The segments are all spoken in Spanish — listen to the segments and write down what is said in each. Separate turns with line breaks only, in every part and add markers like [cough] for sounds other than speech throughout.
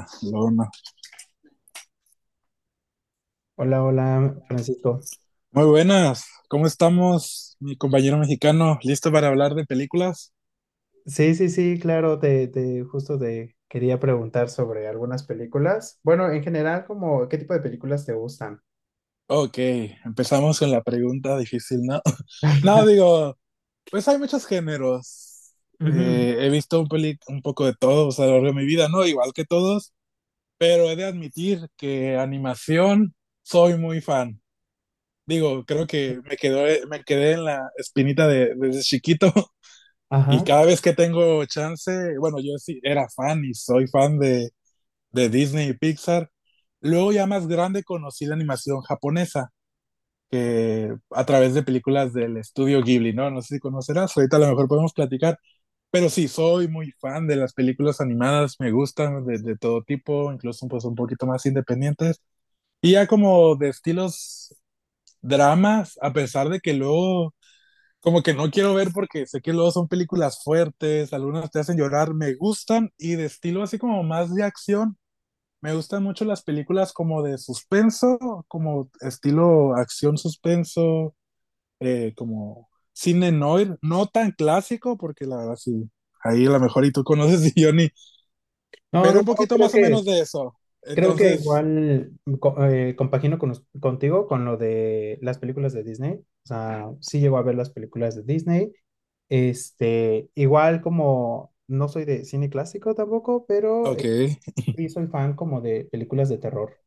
Barcelona.
Hola, hola, Francisco.
Muy buenas, ¿cómo estamos, mi compañero mexicano? ¿Listo para hablar de películas?
Sí, sí, sí, claro, justo te quería preguntar sobre algunas películas. Bueno, en general, como, ¿qué tipo de películas te gustan?
Ok, empezamos con la pregunta difícil, ¿no? [laughs] No, digo, pues hay muchos géneros.
Ujú.
He visto un poco de todos a lo largo de mi vida, ¿no? Igual que todos, pero he de admitir que animación soy muy fan. Digo, creo que me quedó, me quedé en la espinita de, desde chiquito [laughs] y
Ajá.
cada vez que tengo chance, bueno, yo sí era fan y soy fan de Disney y Pixar. Luego ya más grande conocí la animación japonesa, que a través de películas del estudio Ghibli, ¿no? No sé si conocerás, ahorita a lo mejor podemos platicar, pero sí, soy muy fan de las películas animadas, me gustan de todo tipo, incluso pues un poquito más independientes. Y ya como de estilos dramas, a pesar de que luego como que no quiero ver porque sé que luego son películas fuertes, algunas te hacen llorar, me gustan y de estilo así como más de acción, me gustan mucho las películas como de suspenso, como estilo acción suspenso, como cine noir, no tan clásico, porque la verdad sí, ahí a lo mejor y tú conoces [laughs] y yo ni,
No, no,
pero un
no,
poquito
creo
más o
que,
menos de eso.
creo que
Entonces,
igual compagino con, contigo con lo de las películas de Disney. O sea, sí llego a ver las películas de Disney. Este, igual como no soy de cine clásico tampoco, pero
ok,
sí soy fan como de películas de terror.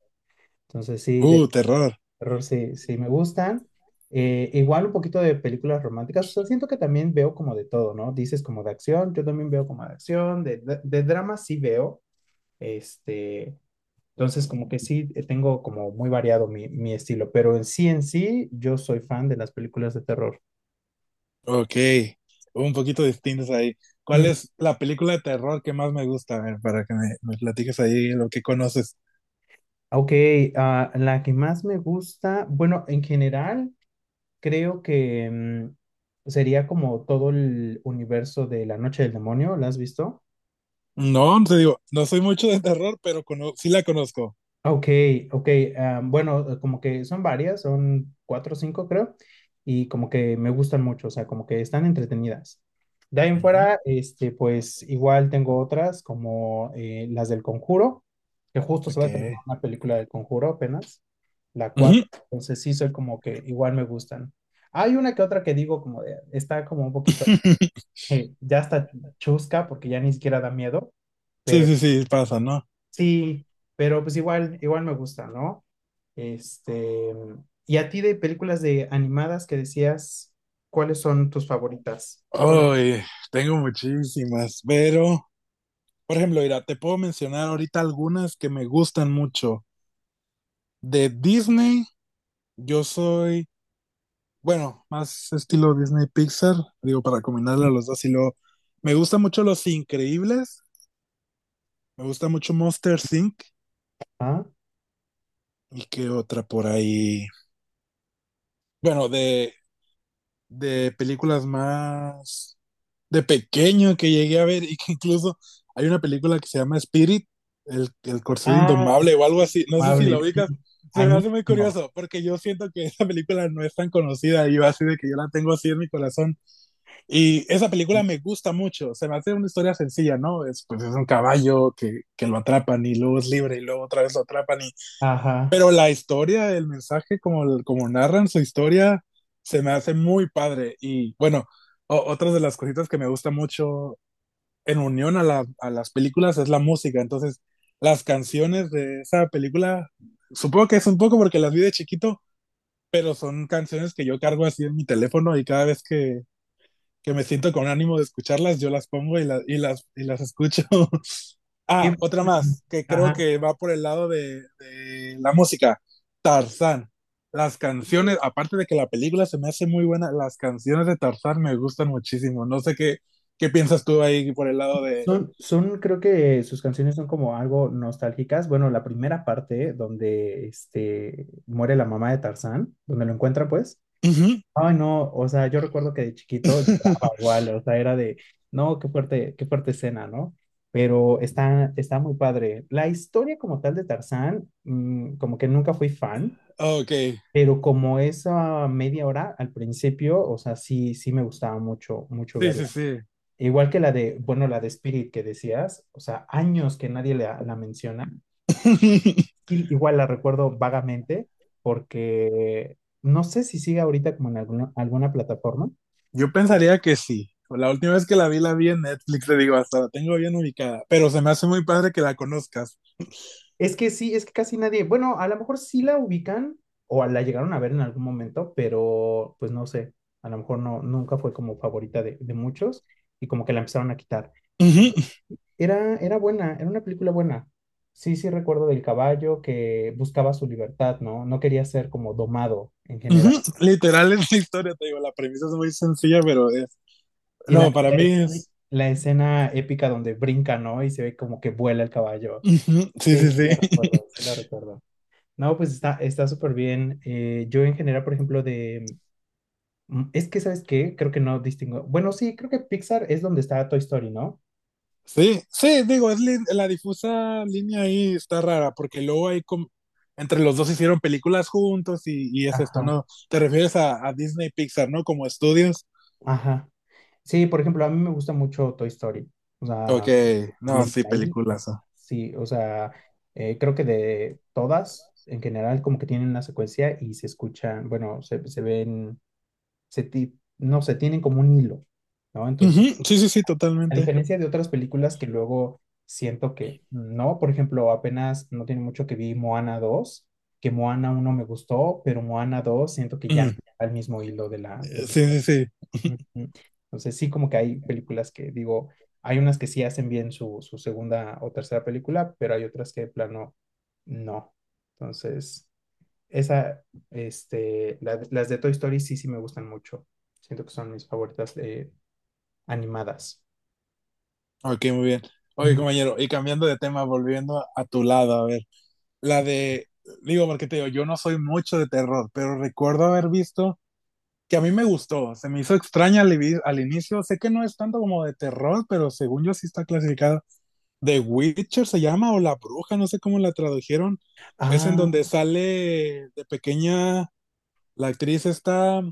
Entonces sí. de
terror,
Terror sí, sí me gustan. Igual un poquito de películas románticas. O sea, siento que también veo como de todo, ¿no? Dices como de acción, yo también veo como de acción, de, de drama sí veo. Este, entonces como que sí, tengo como muy variado mi estilo, pero en sí, en sí, yo soy fan de las películas de terror.
ok, un poquito distintos ahí. ¿Cuál
Mm.
es la película de terror que más me gusta? A ver, para me platiques ahí lo que conoces.
Ok, ah, la que más me gusta, bueno, en general creo que sería como todo el universo de La Noche del Demonio. ¿La has visto?
No, no te digo, no soy mucho de terror, pero sí la conozco.
Ok, ok. Ah, bueno, como que son varias, son cuatro o cinco creo, y como que me gustan mucho, o sea, como que están entretenidas. De ahí en
Ujú.
fuera, este, pues igual tengo otras como las del Conjuro, que justo se va
Ok.
a estrenar una película del Conjuro apenas, la cuatro,
Ujú.
entonces sí, soy como que igual me gustan. Hay una que otra que digo como de, está como un poquito,
[laughs]
ya está chusca porque ya ni siquiera da miedo.
Sí, sí, sí, pasa, ¿no?
Sí, pero pues igual, me gusta, ¿no? Este, y a ti de películas de animadas que decías, ¿cuáles son tus favoritas? ¿O cuáles?
Ay, tengo muchísimas, pero, por ejemplo, mira, te puedo mencionar ahorita algunas que me gustan mucho. De Disney, yo soy, bueno, más estilo Disney Pixar, digo, para combinarle a los dos, y luego, me gusta mucho Los Increíbles, me gusta mucho Monsters Inc.
Ah,
¿Y qué otra por ahí? Bueno, de películas más de pequeño que llegué a ver y que incluso hay una película que se llama Spirit, el corcel
ah,
indomable o algo así, no sé si
amable,
la
sí.
ubicas, se me hace muy
Añísimo.
curioso porque yo siento que esa película no es tan conocida y yo así de que yo la tengo así en mi corazón y esa película me gusta mucho, se me hace una historia sencilla, ¿no? Es, pues es un caballo que lo atrapan y luego es libre y luego otra vez lo atrapan y
Ajá.
pero la historia, el mensaje, como, como narran su historia, se me hace muy padre. Y bueno, otras de las cositas que me gusta mucho en unión a, a las películas es la música. Entonces, las canciones de esa película, supongo que es un poco porque las vi de chiquito, pero son canciones que yo cargo así en mi teléfono y cada vez que me siento con ánimo de escucharlas, yo las pongo y, y las escucho. [laughs]
Sí.
Ah, otra más, que creo
Ajá.
que va por el lado de la música. Tarzán. Las canciones, aparte de que la película se me hace muy buena, las canciones de Tarzán me gustan muchísimo. No sé qué, qué piensas tú ahí por el lado de...
Creo que sus canciones son como algo nostálgicas. Bueno, la primera parte donde este, muere la mamá de Tarzán, donde lo encuentra, pues.
Ujú.
Ay, no, o sea, yo recuerdo que de chiquito lloraba
[laughs]
igual, o sea, era de, no, qué fuerte escena, ¿no? Pero está muy padre. La historia como tal de Tarzán, como que nunca fui fan,
Ok,
pero como esa media hora al principio, o sea, sí, sí me gustaba mucho, mucho
sí,
verla.
sí, sí.
Igual que la de, bueno, la de Spirit que decías, o sea, años que nadie la menciona,
[laughs]
igual la recuerdo vagamente, porque no sé si sigue ahorita como en alguna plataforma.
Yo pensaría que sí. La última vez que la vi en Netflix, te digo, hasta la tengo bien ubicada. Pero se me hace muy padre que la conozcas.
Es que sí, es que casi nadie, bueno, a lo mejor sí la ubican o la llegaron a ver en algún momento, pero pues no sé, a lo mejor no, nunca fue como favorita de muchos, y como que la empezaron a quitar. Era buena, era una película buena. Sí, sí recuerdo del caballo que buscaba su libertad, ¿no? No quería ser como domado en general.
Ujú, literal es la historia, te digo, la premisa es muy sencilla, pero es...
Y la,
No, para
la
mí
escena
es...
la escena épica donde brinca, ¿no? Y se ve como que vuela el caballo.
Ujú, sí,
Sí,
sí,
sí
sí.
la
[laughs]
recuerdo, sí la recuerdo. No, pues está súper bien. Yo en general, por ejemplo, es que, ¿sabes qué? Creo que no distingo. Bueno, sí, creo que Pixar es donde está Toy Story, ¿no?
Sí, sí, digo, la difusa línea ahí está rara, porque luego entre los dos hicieron películas juntos y es esto,
Ajá.
¿no? Te refieres a Disney Pixar, ¿no? Como estudios.
Ajá. Sí, por ejemplo, a mí me gusta mucho Toy Story. O
Ok,
sea,
no,
viene
sí,
de ahí. Ajá.
películas. Ah.
Sí, o sea, creo que de todas, en general, como que tienen una secuencia y se escuchan, bueno, se ven, no sé, tienen como un hilo, ¿no? Entonces,
Ujú, sí, sí, sí,
a
totalmente.
diferencia de otras películas que luego siento que no, por ejemplo, apenas no tiene mucho que vi Moana dos, que Moana uno me gustó, pero Moana dos siento que ya no
Mm,
está el mismo hilo de la, de
sí,
la-
sí, sí.
Ujú. Entonces sí, como que hay películas que digo, hay unas que sí hacen bien su segunda o tercera película, pero hay otras que de plano no. Entonces, esa, las de Toy Story sí, sí me gustan mucho. Siento que son mis favoritas, animadas.
Ok, muy bien. Oye,
Mm.
compañero, y cambiando de tema, volviendo a tu lado, a ver. La de, digo, porque te digo, yo no soy mucho de terror, pero recuerdo haber visto que a mí me gustó, se me hizo extraña al inicio, sé que no es tanto como de terror, pero según yo sí está clasificada. The Witcher se llama o La Bruja, no sé cómo la tradujeron. Es en
Ah,
donde sale de pequeña la actriz esta,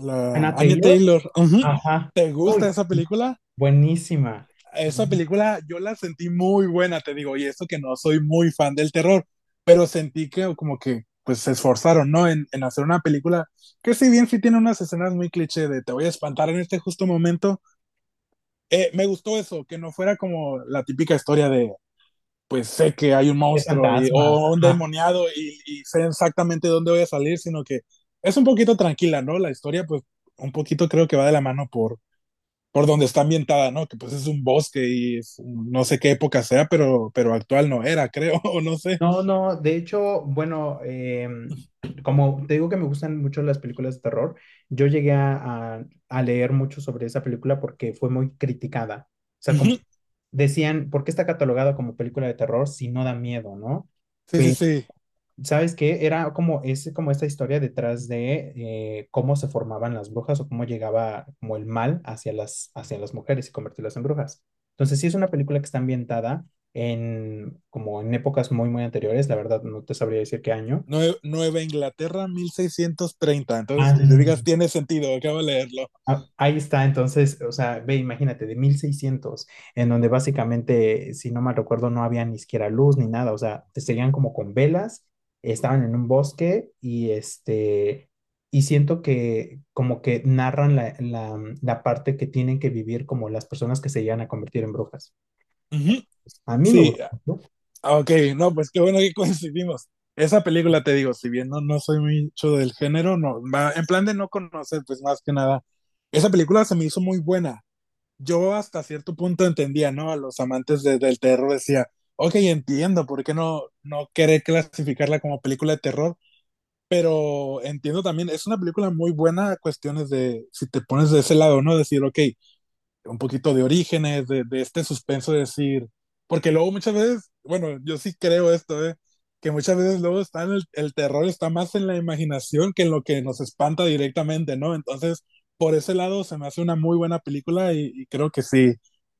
la
Anna
Annie
Taylor,
Taylor. [laughs] Ujú.
ajá,
¿Te
uy,
gusta esa
sí,
película?
buenísima,
Esa
de
película yo la sentí muy buena, te digo, y eso que no soy muy fan del terror, pero sentí que como que pues se esforzaron, ¿no? En hacer una película que si bien sí tiene unas escenas muy cliché de te voy a espantar en este justo momento, me gustó eso, que no fuera como la típica historia de pues sé que hay un monstruo y,
fantasmas,
o un
ajá.
demoniado y sé exactamente dónde voy a salir, sino que es un poquito tranquila, ¿no? La historia pues un poquito creo que va de la mano por donde está ambientada, ¿no? Que pues es un bosque y es no sé qué época sea, pero actual no era, creo, [laughs] o no sé.
No, no, de hecho, bueno, como te digo que me gustan mucho las películas de terror, yo llegué a leer mucho sobre esa película porque fue muy criticada, o sea, como
Ujú.
decían, ¿por qué está catalogada como película de terror si no da miedo, no?
Sí, sí, sí.
¿Sabes qué? Era como, es como esta historia detrás de cómo se formaban las brujas o cómo llegaba como el mal hacia hacia las mujeres y convertirlas en brujas. Entonces, sí, es una película que está ambientada en como en épocas muy, muy anteriores. La verdad, no te sabría decir qué año.
Nueva Inglaterra, 1630. Entonces, si te digas,
Ah.
tiene sentido, acabo de leerlo.
Ah, ahí está, entonces, o sea, ve, imagínate, de 1600, en donde básicamente, si no mal recuerdo, no había ni siquiera luz ni nada, o sea, te seguían como con velas, estaban en un bosque y este, y siento que como que narran la parte que tienen que vivir como las personas que se llegan a convertir en brujas.
Ujú.
A mí me
Sí,
gustó.
ah, ok, no, pues qué bueno que coincidimos. Esa película, te digo, si bien no, no soy mucho del género, no, en plan de no conocer, pues más que nada. Esa película se me hizo muy buena. Yo hasta cierto punto entendía, ¿no? A los amantes del terror decía, ok, entiendo por qué no, no querer clasificarla como película de terror, pero entiendo también, es una película muy buena a cuestiones de, si te pones de ese lado, ¿no? Decir, ok, un poquito de orígenes, de, este suspenso de decir, porque luego muchas veces, bueno, yo sí creo esto, ¿eh? Que muchas veces luego está en terror está más en la imaginación que en lo que nos espanta directamente, ¿no? Entonces, por ese lado se me hace una muy buena película y creo que sí,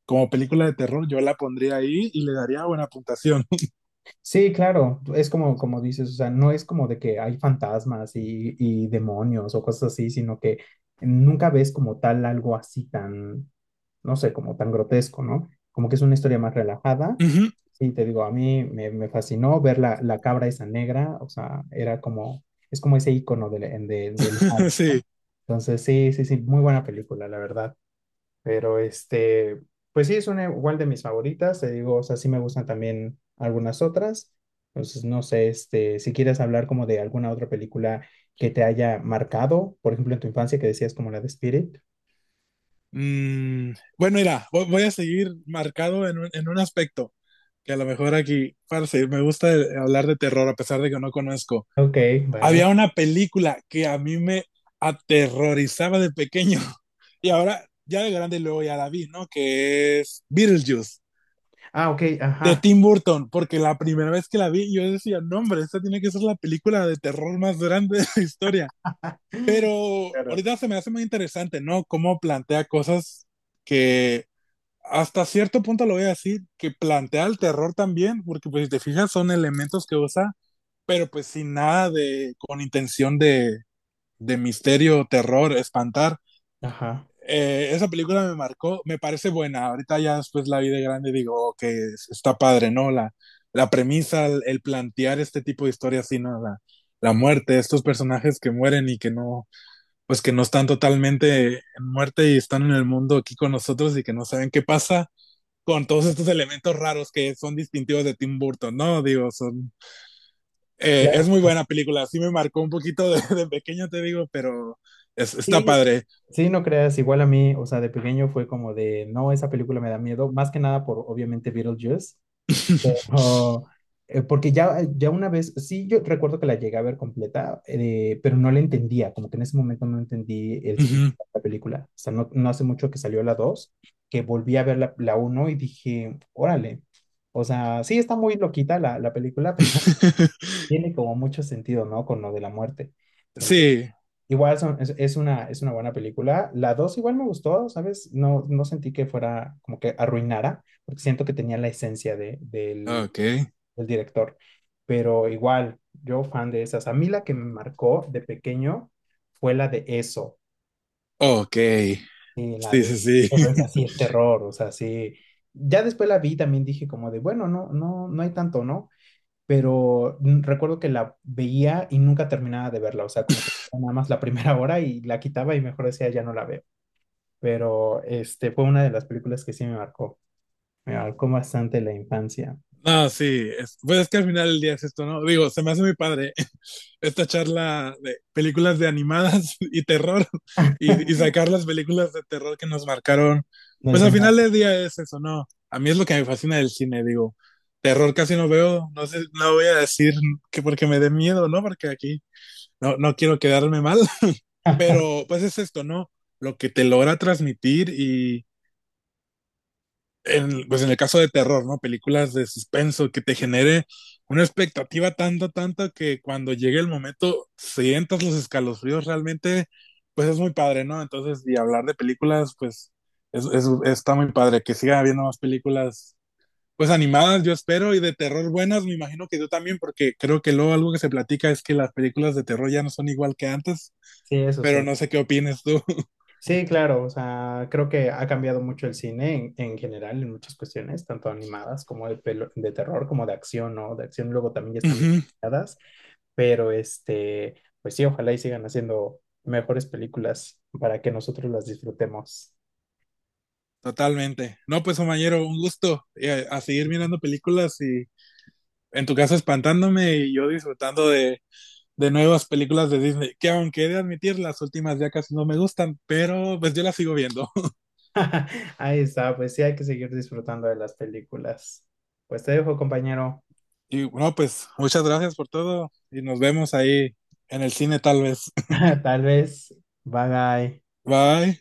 como película de terror yo la pondría ahí y le daría buena puntuación.
Sí, claro, es como, como dices, o sea, no es como de que hay fantasmas y demonios o cosas así, sino que nunca ves como tal algo así tan, no sé, como tan grotesco, ¿no? Como que es una historia más relajada.
[laughs] Ujú,
Sí, te digo, a mí me fascinó ver la cabra esa negra, o sea, era como, es como ese icono del mal,
[laughs]
¿no?
sí.
Entonces, sí, sí, sí, muy buena película, la verdad. Pero este, pues sí, es una igual de mis favoritas, te digo, o sea, sí me gustan también algunas otras. Entonces, no sé, este, si quieres hablar como de alguna otra película que te haya marcado, por ejemplo, en tu infancia que decías como la de Spirit.
Mm, bueno, mira, voy a seguir marcado en un aspecto que a lo mejor aquí, parce, me gusta hablar de terror a pesar de que no conozco.
Ok, vale.
Había una película que a mí me aterrorizaba de pequeño [laughs] y ahora ya de grande luego ya la vi, ¿no? Que es Beetlejuice
Ah, ok,
de
ajá.
Tim Burton, porque la primera vez que la vi yo decía, no hombre, esta tiene que ser la película de terror más grande de la historia.
[laughs]
Pero
Claro.
ahorita se me hace muy interesante, ¿no? Cómo plantea cosas que hasta cierto punto lo voy a decir, que plantea el terror también, porque pues si te fijas son elementos que usa, pero pues sin nada de, con intención de misterio, terror, espantar.
Ajá.
Esa película me marcó, me parece buena. Ahorita ya después la vi de grande y digo que okay, está padre, ¿no? La premisa, plantear este tipo de historias, así, ¿no? La muerte, estos personajes que mueren y que no, pues que no están totalmente en muerte y están en el mundo aquí con nosotros y que no saben qué pasa con todos estos elementos raros que son distintivos de Tim Burton, ¿no? Digo, son... es
Claro.
muy buena película, sí me marcó un poquito de pequeño, te digo, pero es, está
Sí,
padre.
sí, no creas, igual a mí, o sea, de pequeño fue como de, no, esa película me da miedo, más que nada por obviamente Beetlejuice.
[laughs]
Ojo. Porque ya, ya una vez, sí, yo recuerdo que la llegué a ver completa, pero no la entendía, como que en ese momento no entendí el
Ujú.
significado de la película. O sea, no, no hace mucho que salió la dos, que volví a ver la uno y dije, órale, o sea, sí está muy loquita la película, [laughs] pero
[laughs]
tiene como mucho sentido, ¿no? Con lo de la muerte. Entonces,
Sí,
igual es una buena película. La 2 igual me gustó, ¿sabes? No, no sentí que fuera como que arruinara, porque siento que tenía la esencia de, del
ok,
el director. Pero igual, yo fan de esas. A mí la que me marcó de pequeño fue la de Eso.
ok.
Y la
Sí,
de...
sí,
Pero
sí.
es
[laughs]
así, es terror, o sea, sí. Ya después la vi, también dije como de, bueno, no, no, no hay tanto, ¿no? Pero recuerdo que la veía y nunca terminaba de verla, o sea, como que nada más la [laughs] primera hora y la quitaba y mejor decía, ya no la veo. Pero este fue una de las películas que sí me marcó bastante la infancia.
No, sí, pues es que al final del día es esto, ¿no? Digo, se me hace muy padre [laughs] esta charla de películas de animadas [laughs] y terror y sacar las películas de terror que nos marcaron. Pues
Nuestra
al final del
[laughs]
día es eso, ¿no? A mí es lo que me fascina del cine, digo, terror casi no veo, no sé, no voy a decir que porque me dé miedo, ¿no? Porque aquí no, no quiero quedarme mal.
infancia.
Pero pues es esto, ¿no? Lo que te logra transmitir y en, pues en el caso de terror, ¿no? Películas de suspenso que te genere una expectativa tanto, tanto que cuando llegue el momento sientas los escalofríos realmente, pues es muy padre, ¿no? Entonces, y hablar de películas, pues es, está muy padre, que siga habiendo más películas pues animadas, yo espero, y de terror buenas, me imagino que tú también, porque creo que luego algo que se platica es que las películas de terror ya no son igual que antes,
Sí, eso sí.
pero no sé qué opines tú.
Sí, claro, o sea, creo que ha cambiado mucho el cine en, general, en muchas cuestiones, tanto animadas como de terror, como de acción, ¿no? De acción luego también ya están bien
[laughs]
animadas, pero este, pues sí, ojalá y sigan haciendo mejores películas para que nosotros las disfrutemos.
Totalmente. No, pues, compañero, un gusto a, seguir mirando películas y en tu caso espantándome y yo disfrutando de nuevas películas de Disney, que aunque he de admitir, las últimas ya casi no me gustan, pero pues yo las sigo viendo. [laughs]
[laughs] Ahí está, pues sí, hay que seguir disfrutando de las películas. Pues te dejo, compañero.
Y bueno, pues muchas gracias por todo y nos vemos ahí en el cine tal vez. [laughs]
[laughs] Tal vez. Bye bye.
Bye.